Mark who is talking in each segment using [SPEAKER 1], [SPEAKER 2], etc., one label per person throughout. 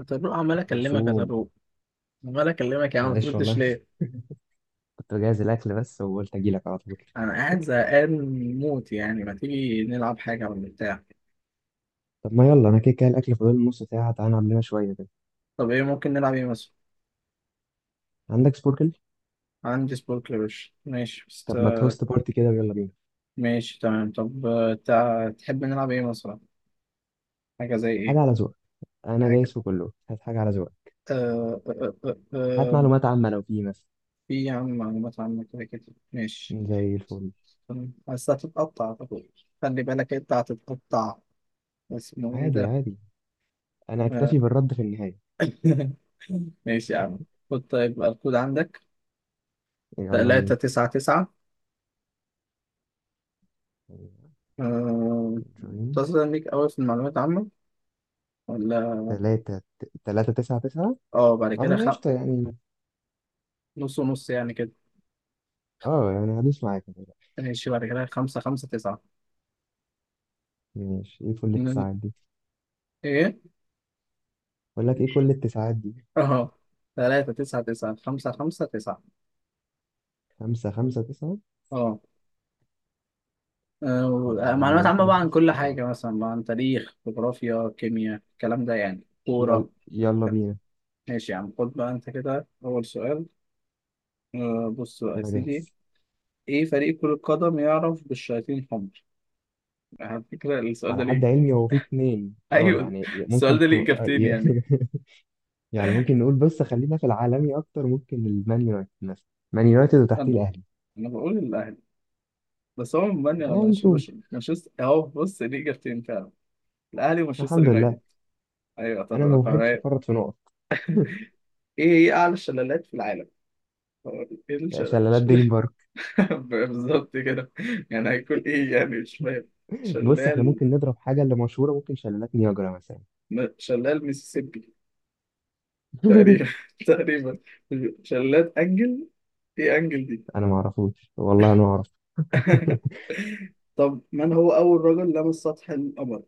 [SPEAKER 1] يا طارق، عمال اكلمك يا
[SPEAKER 2] زوم.
[SPEAKER 1] طارق، عمال اكلمك يا عم، ما
[SPEAKER 2] معلش
[SPEAKER 1] بتردش
[SPEAKER 2] والله.
[SPEAKER 1] ليه؟
[SPEAKER 2] كنت بجهز الاكل بس، وقلت اجي لك على طول.
[SPEAKER 1] انا قاعد زهقان موت، يعني ما تيجي نلعب حاجه ولا بتاع؟
[SPEAKER 2] طب ما يلا، انا كده كده الاكل فاضل له نص ساعه، تعالى نعمل لنا شويه كده.
[SPEAKER 1] طب ايه ممكن نلعب، ايه مثلا؟
[SPEAKER 2] عندك سبوركل؟
[SPEAKER 1] عندي سبورك يا باشا، ماشي بس.
[SPEAKER 2] طب ما تهوست بارتي كده، ويلا بينا.
[SPEAKER 1] ماشي تمام، طب تحب نلعب ايه مثلا؟ حاجه زي
[SPEAKER 2] حاجه على
[SPEAKER 1] ايه؟
[SPEAKER 2] ذوقك. انا
[SPEAKER 1] حاجه
[SPEAKER 2] دايس في كله، هات حاجه على ذوقك.
[SPEAKER 1] آه... آه... آه... آه...
[SPEAKER 2] هات
[SPEAKER 1] آه،
[SPEAKER 2] معلومات عامه لو في مثلا.
[SPEAKER 1] في يا عم، معلومات عامه كده كده. ماشي
[SPEAKER 2] زي الفل.
[SPEAKER 1] تمام. بس هتتقطع يا طارق، خلي بالك انت هتتقطع. اسمه ايه
[SPEAKER 2] عادي
[SPEAKER 1] ده؟
[SPEAKER 2] عادي، انا
[SPEAKER 1] آه،
[SPEAKER 2] اكتفي بالرد في النهايه.
[SPEAKER 1] ماشي يا عم. خد طيب الكود عندك:
[SPEAKER 2] يلا
[SPEAKER 1] تلاتة
[SPEAKER 2] بينا.
[SPEAKER 1] تسعة تسعة. آه،
[SPEAKER 2] جوين
[SPEAKER 1] متصلة بيك أوي في المعلومات العامة، ولا؟
[SPEAKER 2] تلاتة تلاتة تسعة تسعة.
[SPEAKER 1] اه، بعد
[SPEAKER 2] اه،
[SPEAKER 1] كده
[SPEAKER 2] انا قشطة يعني.
[SPEAKER 1] نص ونص يعني كده.
[SPEAKER 2] اه يعني هدوس معاك.
[SPEAKER 1] ماشي، بعد كده خمسة خمسة تسعة.
[SPEAKER 2] ماشي، ايه كل
[SPEAKER 1] ن-
[SPEAKER 2] التسعات دي؟
[SPEAKER 1] ايه؟
[SPEAKER 2] بقول لك ايه كل التسعات دي.
[SPEAKER 1] اه، تلاتة تسعة تسعة خمسة خمسة تسعة.
[SPEAKER 2] خمسة خمسة تسعة.
[SPEAKER 1] اه.
[SPEAKER 2] الإعلان
[SPEAKER 1] معلومات
[SPEAKER 2] ده
[SPEAKER 1] عامة
[SPEAKER 2] يخلص
[SPEAKER 1] بقى عن
[SPEAKER 2] بس
[SPEAKER 1] كل
[SPEAKER 2] اه.
[SPEAKER 1] حاجة، مثلا بقى عن تاريخ، جغرافيا، كيمياء، الكلام ده، يعني
[SPEAKER 2] يلا
[SPEAKER 1] كورة.
[SPEAKER 2] يلا بينا.
[SPEAKER 1] ماشي يا عم، خد بقى انت كده أول سؤال. بص بقى يا
[SPEAKER 2] أنا
[SPEAKER 1] سيدي،
[SPEAKER 2] جاهز.
[SPEAKER 1] ايه فريق كرة قدم يعرف بالشياطين الحمر؟ على فكرة السؤال ده
[SPEAKER 2] على حد
[SPEAKER 1] ليه،
[SPEAKER 2] علمي هو في اتنين، اه
[SPEAKER 1] ايوه
[SPEAKER 2] يعني
[SPEAKER 1] السؤال
[SPEAKER 2] ممكن
[SPEAKER 1] ده
[SPEAKER 2] ت...
[SPEAKER 1] ليه
[SPEAKER 2] آه،
[SPEAKER 1] اجابتين
[SPEAKER 2] ي-
[SPEAKER 1] يعني.
[SPEAKER 2] يعني ممكن نقول، بس خلينا في العالمي أكتر، ممكن المان يونايتد مثلا. مان يونايتد وتحتيه
[SPEAKER 1] انا
[SPEAKER 2] الأهلي.
[SPEAKER 1] انا بقول الاهلي، بس هو من
[SPEAKER 2] آه نشوف.
[SPEAKER 1] مانشستر اهو، بص ليه اجابتين فعلا. الاهلي ومانشستر
[SPEAKER 2] الحمد
[SPEAKER 1] يونايتد.
[SPEAKER 2] لله.
[SPEAKER 1] ايوه،
[SPEAKER 2] أنا
[SPEAKER 1] طب
[SPEAKER 2] ما
[SPEAKER 1] طب
[SPEAKER 2] بحبش
[SPEAKER 1] أيوة.
[SPEAKER 2] أفرط في نقط.
[SPEAKER 1] ايه هي اعلى الشلالات في العالم؟ هو ايه الشلال؟
[SPEAKER 2] شلالات دريم
[SPEAKER 1] شلال
[SPEAKER 2] بارك.
[SPEAKER 1] بالظبط كده. يعني هيكون ايه يعني، مش فاهم.
[SPEAKER 2] بص احنا
[SPEAKER 1] شلال
[SPEAKER 2] ممكن نضرب حاجة اللي مشهورة، ممكن شلالات نياجرا مثلا.
[SPEAKER 1] شلال ميسيسيبي. تقريبا تقريبا. شلال انجل، ايه انجل دي؟
[SPEAKER 2] انا ما اعرفوش والله، انا ما اعرف.
[SPEAKER 1] طب، من هو اول رجل لمس سطح القمر؟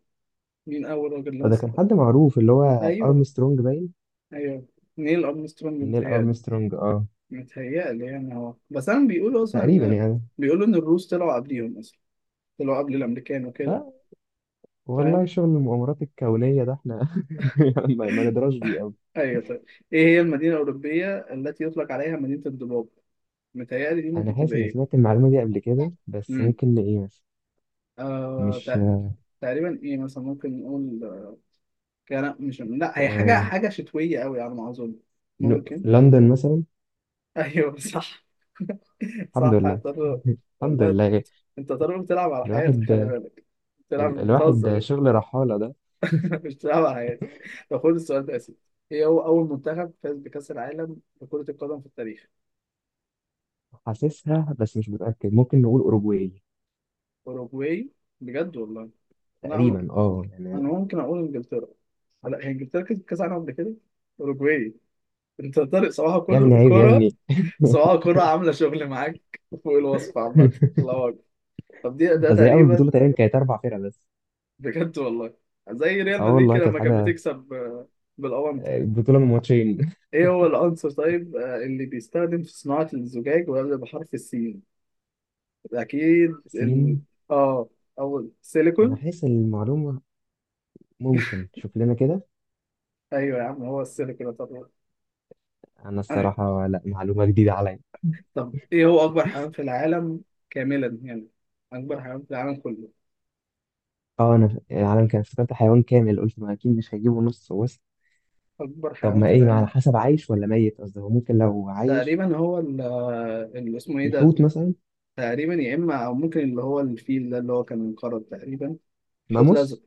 [SPEAKER 1] مين اول رجل لمس
[SPEAKER 2] فده كان
[SPEAKER 1] سطح؟
[SPEAKER 2] حد معروف، اللي هو
[SPEAKER 1] ايوه.
[SPEAKER 2] ارمسترونج باين.
[SPEAKER 1] ايوه. نيل ارمسترونج
[SPEAKER 2] نيل
[SPEAKER 1] متهيألي.
[SPEAKER 2] ارمسترونج اه.
[SPEAKER 1] متهيألي يعني هو، بس انا بيقولوا اصلا
[SPEAKER 2] تقريبا
[SPEAKER 1] إن-
[SPEAKER 2] يعني.
[SPEAKER 1] بيقولوا ان الروس طلعوا قبليهم اصلا، طلعوا قبل الامريكان وكده.
[SPEAKER 2] والله
[SPEAKER 1] فاهم.
[SPEAKER 2] شغل المؤامرات الكونية ده احنا، ما ندراش بيه قوي.
[SPEAKER 1] ايوه طيب. ايه هي المدينه الاوروبيه التي يطلق عليها مدينه الضباب؟ متهيألي دي
[SPEAKER 2] انا
[SPEAKER 1] ممكن
[SPEAKER 2] حاسس
[SPEAKER 1] تبقى
[SPEAKER 2] اني
[SPEAKER 1] ايه.
[SPEAKER 2] سمعت المعلومة دي قبل كده، بس
[SPEAKER 1] امم
[SPEAKER 2] ممكن لايه مثلا.
[SPEAKER 1] آه
[SPEAKER 2] مش
[SPEAKER 1] تق- تقريبا ايه مثلا، ممكن نقول كان، مش لا، هي حاجه
[SPEAKER 2] آه...
[SPEAKER 1] حاجه شتويه قوي على ما اظن. ممكن.
[SPEAKER 2] لندن مثلا.
[SPEAKER 1] ايوه صح.
[SPEAKER 2] الحمد
[SPEAKER 1] صح
[SPEAKER 2] لله.
[SPEAKER 1] هتضرب.
[SPEAKER 2] الحمد
[SPEAKER 1] والله،
[SPEAKER 2] لله.
[SPEAKER 1] انت طالما بتلعب على حياتك
[SPEAKER 2] الواحد
[SPEAKER 1] خلي بالك، بتلعب مش بتهزر
[SPEAKER 2] الواحد
[SPEAKER 1] يعني.
[SPEAKER 2] شغل رحالة ده.
[SPEAKER 1] مش بتلعب على حياتك. طب خد السؤال ده يا سيدي، ايه هو اول منتخب فاز بكأس العالم لكرة القدم في التاريخ؟
[SPEAKER 2] حاسسها بس مش متأكد، ممكن نقول أوروجواي.
[SPEAKER 1] اوروجواي؟ بجد والله. لا انا،
[SPEAKER 2] تقريبا اه يعني.
[SPEAKER 1] أنا ممكن اقول انجلترا. لا، هي انجلترا كسبت كأس العالم قبل كده. اوروجواي. انت طارق صباح
[SPEAKER 2] يا ابني
[SPEAKER 1] كل
[SPEAKER 2] عيب يا
[SPEAKER 1] كرة،
[SPEAKER 2] ابني.
[SPEAKER 1] صباح كرة، عاملة شغل معاك فوق الوصف عامة. الله اكبر. طب دي ده
[SPEAKER 2] قصدي أول
[SPEAKER 1] تقريبا،
[SPEAKER 2] بطولة تقريبا كانت أربع فرق بس.
[SPEAKER 1] بجد والله، زي ريال
[SPEAKER 2] اه
[SPEAKER 1] مدريد
[SPEAKER 2] والله
[SPEAKER 1] كده
[SPEAKER 2] كانت
[SPEAKER 1] لما كانت
[SPEAKER 2] حاجة.
[SPEAKER 1] بتكسب بالأونت.
[SPEAKER 2] بطولة من ماتشين.
[SPEAKER 1] ايه هو العنصر طيب اللي بيستخدم في صناعة الزجاج ويبدأ بحرف السين؟ اكيد
[SPEAKER 2] الصين.
[SPEAKER 1] اه اول
[SPEAKER 2] أنا
[SPEAKER 1] سيليكون.
[SPEAKER 2] حاسس المعلومة، ممكن شوف لنا كده.
[SPEAKER 1] ايوه يا عم، هو السيليكون طبعا.
[SPEAKER 2] انا
[SPEAKER 1] ايوه.
[SPEAKER 2] الصراحه لا معلومه جديده عليا.
[SPEAKER 1] طب ايه هو اكبر حيوان في العالم، كاملا يعني، اكبر حيوان في العالم كله؟
[SPEAKER 2] اه انا العالم كان افتكرت حيوان كامل، قلت ما اكيد مش هيجيبوا نص وسط.
[SPEAKER 1] اكبر
[SPEAKER 2] طب
[SPEAKER 1] حيوان
[SPEAKER 2] ما
[SPEAKER 1] في
[SPEAKER 2] ايه، ما على
[SPEAKER 1] العالم
[SPEAKER 2] حسب عايش ولا ميت، قصدي هو ممكن لو عايش.
[SPEAKER 1] تقريبا هو اللي اسمه ايه ده،
[SPEAKER 2] الحوت مثلا.
[SPEAKER 1] تقريبا يا اما او ممكن اللي هو الفيل ده اللي هو كان منقرض تقريبا. حوت الازرق.
[SPEAKER 2] ماموس.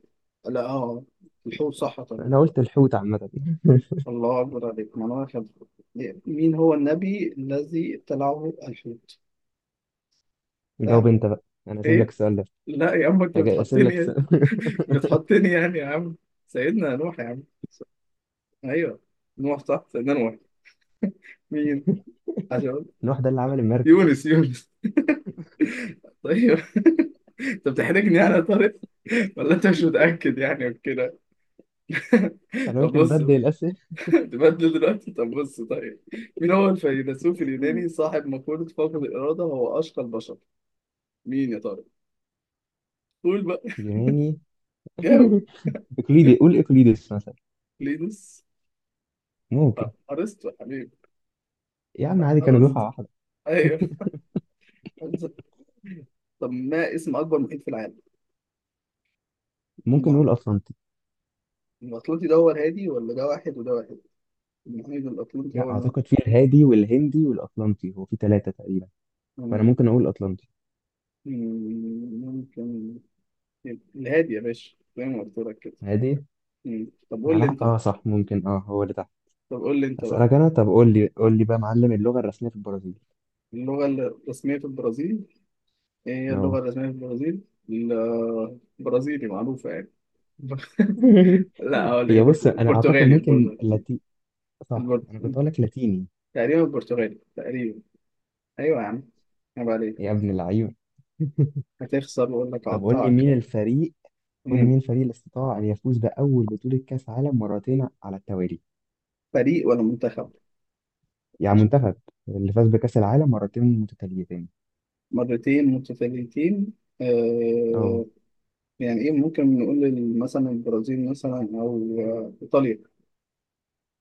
[SPEAKER 1] لا اه، الحوت صح طبعا.
[SPEAKER 2] انا قلت الحوت عامه.
[SPEAKER 1] الله أكبر عليك، ما أنا أخذ. مين هو النبي الذي ابتلعه الحوت؟
[SPEAKER 2] جاوب
[SPEAKER 1] سهل.
[SPEAKER 2] انت بقى، انا اسيب لك
[SPEAKER 1] إيه؟
[SPEAKER 2] السؤال ده.
[SPEAKER 1] لا يا عم، أنت
[SPEAKER 2] اسيب لك
[SPEAKER 1] بتحطني يعني.
[SPEAKER 2] السؤال.
[SPEAKER 1] بتحطني يعني يا عم. سيدنا نوح يا عم. أيوه، نوح صح، سيدنا نوح. مين؟ عشان
[SPEAKER 2] نوح ده اللي عمل المركب.
[SPEAKER 1] يونس، يونس. طيب. أنت بتحرجني يعني يا طارق، ولا أنت مش متأكد يعني وكده.
[SPEAKER 2] انا
[SPEAKER 1] طب
[SPEAKER 2] قلت
[SPEAKER 1] بص،
[SPEAKER 2] نبدل الاسئله.
[SPEAKER 1] تبدل دلوقتي، طب بص طيب. مين هو الفيلسوف اليوناني صاحب مقولة فقد الإرادة هو أشقى البشر؟ مين يا طارق؟ قول بقى،
[SPEAKER 2] يوناني.
[SPEAKER 1] جاوب.
[SPEAKER 2] اقليدي، قول اقليدس مثلا.
[SPEAKER 1] لينوس.
[SPEAKER 2] ممكن.
[SPEAKER 1] ارسطو يا حبيبي.
[SPEAKER 2] يا عم عادي كانوا
[SPEAKER 1] ارسطو.
[SPEAKER 2] دفعه واحده.
[SPEAKER 1] ايوه. طب ما اسم اكبر محيط في العالم؟
[SPEAKER 2] ممكن
[SPEAKER 1] الم-
[SPEAKER 2] نقول اطلنطي.
[SPEAKER 1] الاطلنطي ده هو الهادي، ولا ده واحد وده واحد؟ المحيط الاطلنطي هو
[SPEAKER 2] لا
[SPEAKER 1] الهادي.
[SPEAKER 2] اعتقد في الهادي والهندي والاطلنطي، هو في ثلاثه تقريبا. فانا
[SPEAKER 1] مم.
[SPEAKER 2] ممكن اقول اطلنطي.
[SPEAKER 1] مم. ممكن. الهادي يا باشا، زي ما قلت لك كده.
[SPEAKER 2] عادي.
[SPEAKER 1] مم. طب قول لي
[SPEAKER 2] على
[SPEAKER 1] انت
[SPEAKER 2] حق اه،
[SPEAKER 1] بقى
[SPEAKER 2] صح ممكن اه هو اللي تحت.
[SPEAKER 1] طب قول لي انت بقى
[SPEAKER 2] اسالك انا، طب قول لي قول لي بقى يا معلم، اللغه الرسميه في البرازيل.
[SPEAKER 1] اللغة الرسمية في البرازيل، ايه هي اللغة
[SPEAKER 2] اه.
[SPEAKER 1] الرسمية في البرازيل؟ ال- البرازيلي معروفة يعني. لا، هقول لك
[SPEAKER 2] هي بص انا اعتقد
[SPEAKER 1] البرتغالي
[SPEAKER 2] ممكن
[SPEAKER 1] البرتغالي
[SPEAKER 2] لاتي. صح، انا
[SPEAKER 1] البرت-
[SPEAKER 2] كنت اقول لك لاتيني.
[SPEAKER 1] تقريبا البرتغالي تقريبا. ايوه يا عم، عيب
[SPEAKER 2] يا
[SPEAKER 1] عليك.
[SPEAKER 2] ابن العيون.
[SPEAKER 1] هتخسر واقول لك
[SPEAKER 2] طب قول لي
[SPEAKER 1] هقطعك.
[SPEAKER 2] مين الفريق، قول لي
[SPEAKER 1] مم.
[SPEAKER 2] مين الفريق اللي استطاع ان يفوز باول بطوله كاس عالم مرتين على التوالي.
[SPEAKER 1] فريق ولا منتخب؟
[SPEAKER 2] يعني منتخب. اللي فاز بكاس العالم مرتين متتاليتين.
[SPEAKER 1] مرتين متتاليتين.
[SPEAKER 2] اه.
[SPEAKER 1] آه. يعني ايه، ممكن نقول مثلا البرازيل مثلا او ايطاليا.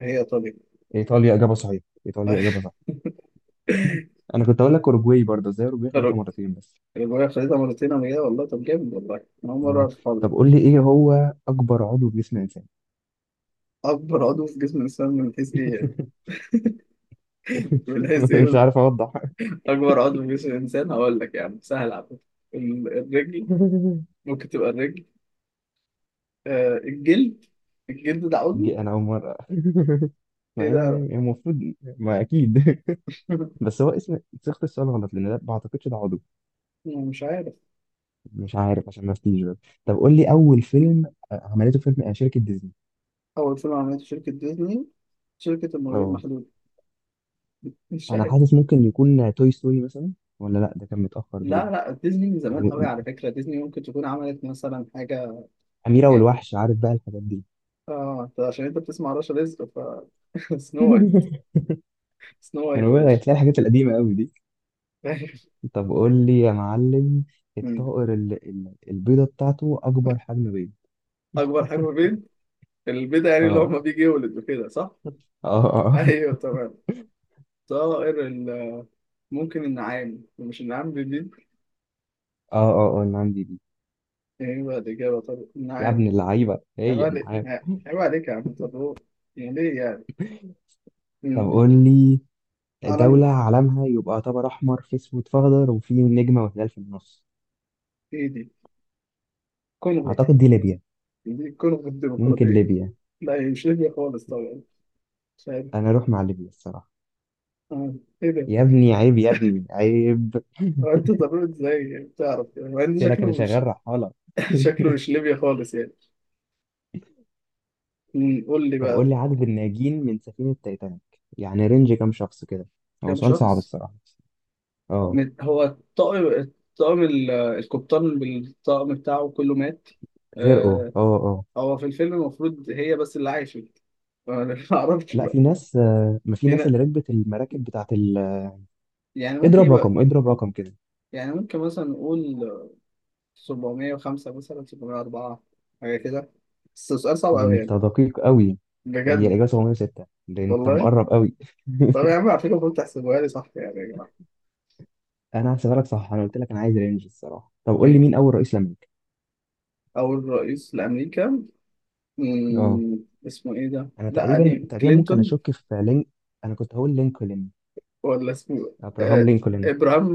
[SPEAKER 1] هي ايطاليا.
[SPEAKER 2] ايطاليا اجابه صحيحه، ايطاليا اجابه صح. انا كنت اقول لك اوروجواي برضه، ازاي اوروجواي خدتها مرتين بس.
[SPEAKER 1] الرجوله خدتها مرتين قبل كده والله، طب جامد والله. انا اول مره
[SPEAKER 2] آه.
[SPEAKER 1] اعرف الحوار
[SPEAKER 2] طب
[SPEAKER 1] ده.
[SPEAKER 2] قول لي ايه هو اكبر عضو في جسم الانسان.
[SPEAKER 1] اكبر عضو في جسم الانسان من حيث ايه يعني؟ من حيث
[SPEAKER 2] مش
[SPEAKER 1] ايه؟
[SPEAKER 2] عارف اوضح.
[SPEAKER 1] اكبر عضو في جسم الانسان، هقول لك يعني سهل على فكره. الرجل. ممكن تبقى الرجل. آه، الجلد. الجلد ده عضو.
[SPEAKER 2] دي انا اول مره. ما
[SPEAKER 1] ايه
[SPEAKER 2] هي
[SPEAKER 1] ده؟
[SPEAKER 2] يعني المفروض ما اكيد. بس هو اسم صيغه السؤال غلط، لان ده ما اعتقدش ده عضو.
[SPEAKER 1] يعني مش عارف.
[SPEAKER 2] مش عارف عشان ما افتيش بس. طب قول لي اول فيلم، عملته فيلم شركه ديزني.
[SPEAKER 1] أول فيلم عملته شركة ديزني؟ شركة المرورين
[SPEAKER 2] اه،
[SPEAKER 1] المحدودة. مش
[SPEAKER 2] انا
[SPEAKER 1] عارف.
[SPEAKER 2] حاسس ممكن يكون توي ستوري مثلا. ولا لا، ده كان متاخر
[SPEAKER 1] لا
[SPEAKER 2] باين.
[SPEAKER 1] لا، ديزني من زمان
[SPEAKER 2] او
[SPEAKER 1] قوي على فكرة، ديزني ممكن تكون عملت مثلا حاجة
[SPEAKER 2] اميره
[SPEAKER 1] يعني.
[SPEAKER 2] والوحش عارف بقى، الحاجات دي.
[SPEAKER 1] اه، انت عشان انت بتسمع رشا رزق ف سنو وايت. سنو
[SPEAKER 2] انا
[SPEAKER 1] وايت يا
[SPEAKER 2] بقى
[SPEAKER 1] باشا.
[SPEAKER 2] هتلاقي الحاجات القديمه قوي دي. طب قول لي يا معلم،
[SPEAKER 1] مم.
[SPEAKER 2] الطائر اللي البيضة بتاعته أكبر حجم بيض.
[SPEAKER 1] أكبر حاجة في البيت، البيضة يعني اللي هو
[SPEAKER 2] اه
[SPEAKER 1] ما بيجي يولد وكده صح؟
[SPEAKER 2] اه اه اه
[SPEAKER 1] أيوه تمام. طائر ال- ممكن النعام، مش النعام بالبيض؟
[SPEAKER 2] اه اه أنا عندي دي.
[SPEAKER 1] ايه بقى الإجابة؟ طب
[SPEAKER 2] يا
[SPEAKER 1] النعام.
[SPEAKER 2] ابن اللعيبة،
[SPEAKER 1] عيب
[SPEAKER 2] هي أنا
[SPEAKER 1] عليك.
[SPEAKER 2] عارف.
[SPEAKER 1] عيب عليك يا عم، طب هو يعني ليه يعني؟ مم.
[SPEAKER 2] طب
[SPEAKER 1] لا.
[SPEAKER 2] قول لي
[SPEAKER 1] عالم.
[SPEAKER 2] دولة علمها يبقى طبق أحمر في أسود في أخضر، وفي نجمة وهلال في النص.
[SPEAKER 1] ايه دي؟ كونغو.
[SPEAKER 2] أعتقد دي ليبيا.
[SPEAKER 1] دي كونغو
[SPEAKER 2] ممكن
[SPEAKER 1] الديمقراطية.
[SPEAKER 2] ليبيا.
[SPEAKER 1] لا، هي مش ليبيا خالص طبعا. مش عارف.
[SPEAKER 2] أنا أروح مع ليبيا الصراحة.
[SPEAKER 1] آه. ايه ده؟
[SPEAKER 2] يا ابني عيب يا ابني عيب.
[SPEAKER 1] هو انت ضروري ازاي يعني بتعرف، يعني مع ان
[SPEAKER 2] قلت لك أنا
[SPEAKER 1] شكله مش
[SPEAKER 2] شغال رحالة.
[SPEAKER 1] شكله مش ليبيا خالص يعني. قول لي
[SPEAKER 2] طب
[SPEAKER 1] بقى.
[SPEAKER 2] قول لي عدد الناجين من سفينة تايتانيك، يعني رينج كام شخص كده. هو
[SPEAKER 1] كام
[SPEAKER 2] سؤال صعب
[SPEAKER 1] شخص؟
[SPEAKER 2] الصراحة. اه.
[SPEAKER 1] هو الطاقم، الطاقم القبطان بالطاقم بتاعه كله مات.
[SPEAKER 2] غرقوا
[SPEAKER 1] آه،
[SPEAKER 2] اه اه.
[SPEAKER 1] هو في الفيلم المفروض هي بس اللي عايشة. أنا ما اعرفش
[SPEAKER 2] لا
[SPEAKER 1] بقى.
[SPEAKER 2] في ناس، ما في
[SPEAKER 1] في
[SPEAKER 2] ناس
[SPEAKER 1] نا-
[SPEAKER 2] اللي ركبت المراكب بتاعت
[SPEAKER 1] يعني ممكن
[SPEAKER 2] اضرب
[SPEAKER 1] يبقى،
[SPEAKER 2] رقم، اضرب رقم كده.
[SPEAKER 1] يعني ممكن مثلا نقول 705 مثلا، 704، حاجة كده. بس سؤال صعب
[SPEAKER 2] ده
[SPEAKER 1] أوي يعني،
[SPEAKER 2] انت دقيق قوي. هي
[SPEAKER 1] بجد
[SPEAKER 2] الاجابه 706، ده انت
[SPEAKER 1] والله.
[SPEAKER 2] مقرب قوي.
[SPEAKER 1] طب يا عم على فكرة المفروض تحسبوها لي صح يعني يا جماعة.
[SPEAKER 2] انا هحسبها لك صح، انا قلت لك انا عايز رينج الصراحه. طب قول لي
[SPEAKER 1] ماشي.
[SPEAKER 2] مين اول رئيس لامريكا.
[SPEAKER 1] أول رئيس لأمريكا.
[SPEAKER 2] اه،
[SPEAKER 1] مم، اسمه إيه ده؟
[SPEAKER 2] انا
[SPEAKER 1] لا
[SPEAKER 2] تقريبا
[SPEAKER 1] قديم،
[SPEAKER 2] تقريبا ممكن
[SPEAKER 1] كلينتون
[SPEAKER 2] اشك في لينك. انا كنت هقول لينكولن.
[SPEAKER 1] ولا اسمه إيه؟ آه
[SPEAKER 2] ابراهام لينكولن.
[SPEAKER 1] إبراهام.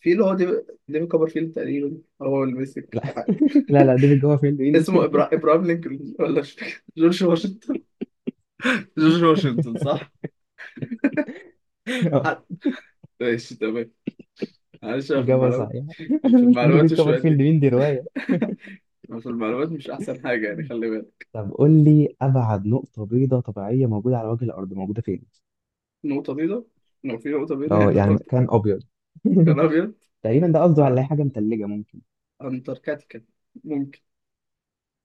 [SPEAKER 1] في اللي هو ديفيد، ديفيد كوبرفيلد تقريبا هو اللي مسك
[SPEAKER 2] لا. لا لا، ديفيد كوفرفيلد مين؟
[SPEAKER 1] اسمه إبراهام لينكولن، ولا مش فاكر. جورج واشنطن. جورج واشنطن صح؟
[SPEAKER 2] آه،
[SPEAKER 1] حد. ماشي تمام. معلش، أنا في
[SPEAKER 2] اجابه
[SPEAKER 1] المعلومات،
[SPEAKER 2] صحيحه.
[SPEAKER 1] في
[SPEAKER 2] ديفيد
[SPEAKER 1] المعلومات شوية،
[SPEAKER 2] كوفرفيلد مين؟ دي روايه.
[SPEAKER 1] بس المعلومات مش أحسن حاجة يعني، خلي بالك.
[SPEAKER 2] طب قول لي ابعد نقطه بيضاء طبيعيه موجوده على وجه الارض موجوده فين.
[SPEAKER 1] نقطة بيضاء، لو في نقطة بيضاء
[SPEAKER 2] اه
[SPEAKER 1] هيعمل
[SPEAKER 2] يعني
[SPEAKER 1] نقطة،
[SPEAKER 2] مكان ابيض.
[SPEAKER 1] كان أبيض.
[SPEAKER 2] تقريبا ده قصده على
[SPEAKER 1] آه،
[SPEAKER 2] أي حاجه متلجه، ممكن.
[SPEAKER 1] أنتاركتيكا. ممكن.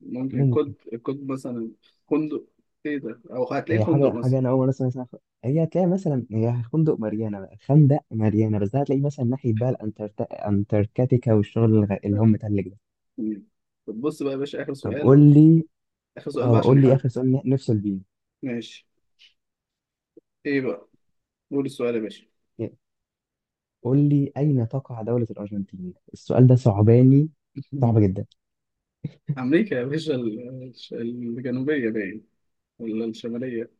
[SPEAKER 1] ممكن كود.
[SPEAKER 2] ممكن.
[SPEAKER 1] كود مثلا. فندق. إيه ده، أو هتلاقيه
[SPEAKER 2] هي
[SPEAKER 1] فندق
[SPEAKER 2] حاجه
[SPEAKER 1] مثلا.
[SPEAKER 2] حاجه، انا اول مره اسمع اسمها. هي هتلاقي مثلا هي خندق ماريانا بقى، خندق ماريانا، بس ده هتلاقيه مثلا ناحيه بقى انتاركتيكا، والشغل اللي هم متلج ده.
[SPEAKER 1] مم. طب بص بقى يا باشا، آخر
[SPEAKER 2] طب
[SPEAKER 1] سؤال.
[SPEAKER 2] قول لي.
[SPEAKER 1] آخر سؤال بقى
[SPEAKER 2] اه
[SPEAKER 1] عشان
[SPEAKER 2] قول لي
[SPEAKER 1] نحدد.
[SPEAKER 2] اخر سؤال، نفصل بيه.
[SPEAKER 1] ماشي. إيه بقى؟ قول السؤال يا باشا.
[SPEAKER 2] قول لي اين تقع دوله الارجنتين؟ السؤال ده صعباني، صعب جدا.
[SPEAKER 1] أمريكا يا باشا، الجنوبية باين، ولا الشمالية؟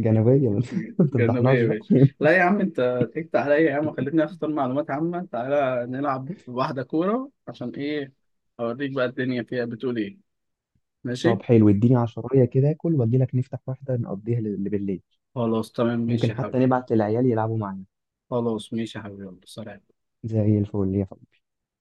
[SPEAKER 2] جنوبيا. ما
[SPEAKER 1] جنبية
[SPEAKER 2] تفضحناش.
[SPEAKER 1] يا باشا. لا يا عم، انت ضحكت عليا يا عم وخلتني اختار معلومات عامة، تعالى نلعب واحدة كورة عشان ايه. اوريك بقى الدنيا فيها بتقول ايه. ماشي.
[SPEAKER 2] طب حلو اديني عشراية كده اكل، واجي لك نفتح واحدة نقضيها لبالليل.
[SPEAKER 1] خلاص تمام، ماشي
[SPEAKER 2] ممكن
[SPEAKER 1] يا
[SPEAKER 2] حتى
[SPEAKER 1] حبيبي.
[SPEAKER 2] نبعت للعيال يلعبوا معانا.
[SPEAKER 1] خلاص، ماشي يا حبيبي، يلا سلام.
[SPEAKER 2] زي الفل يا فندم.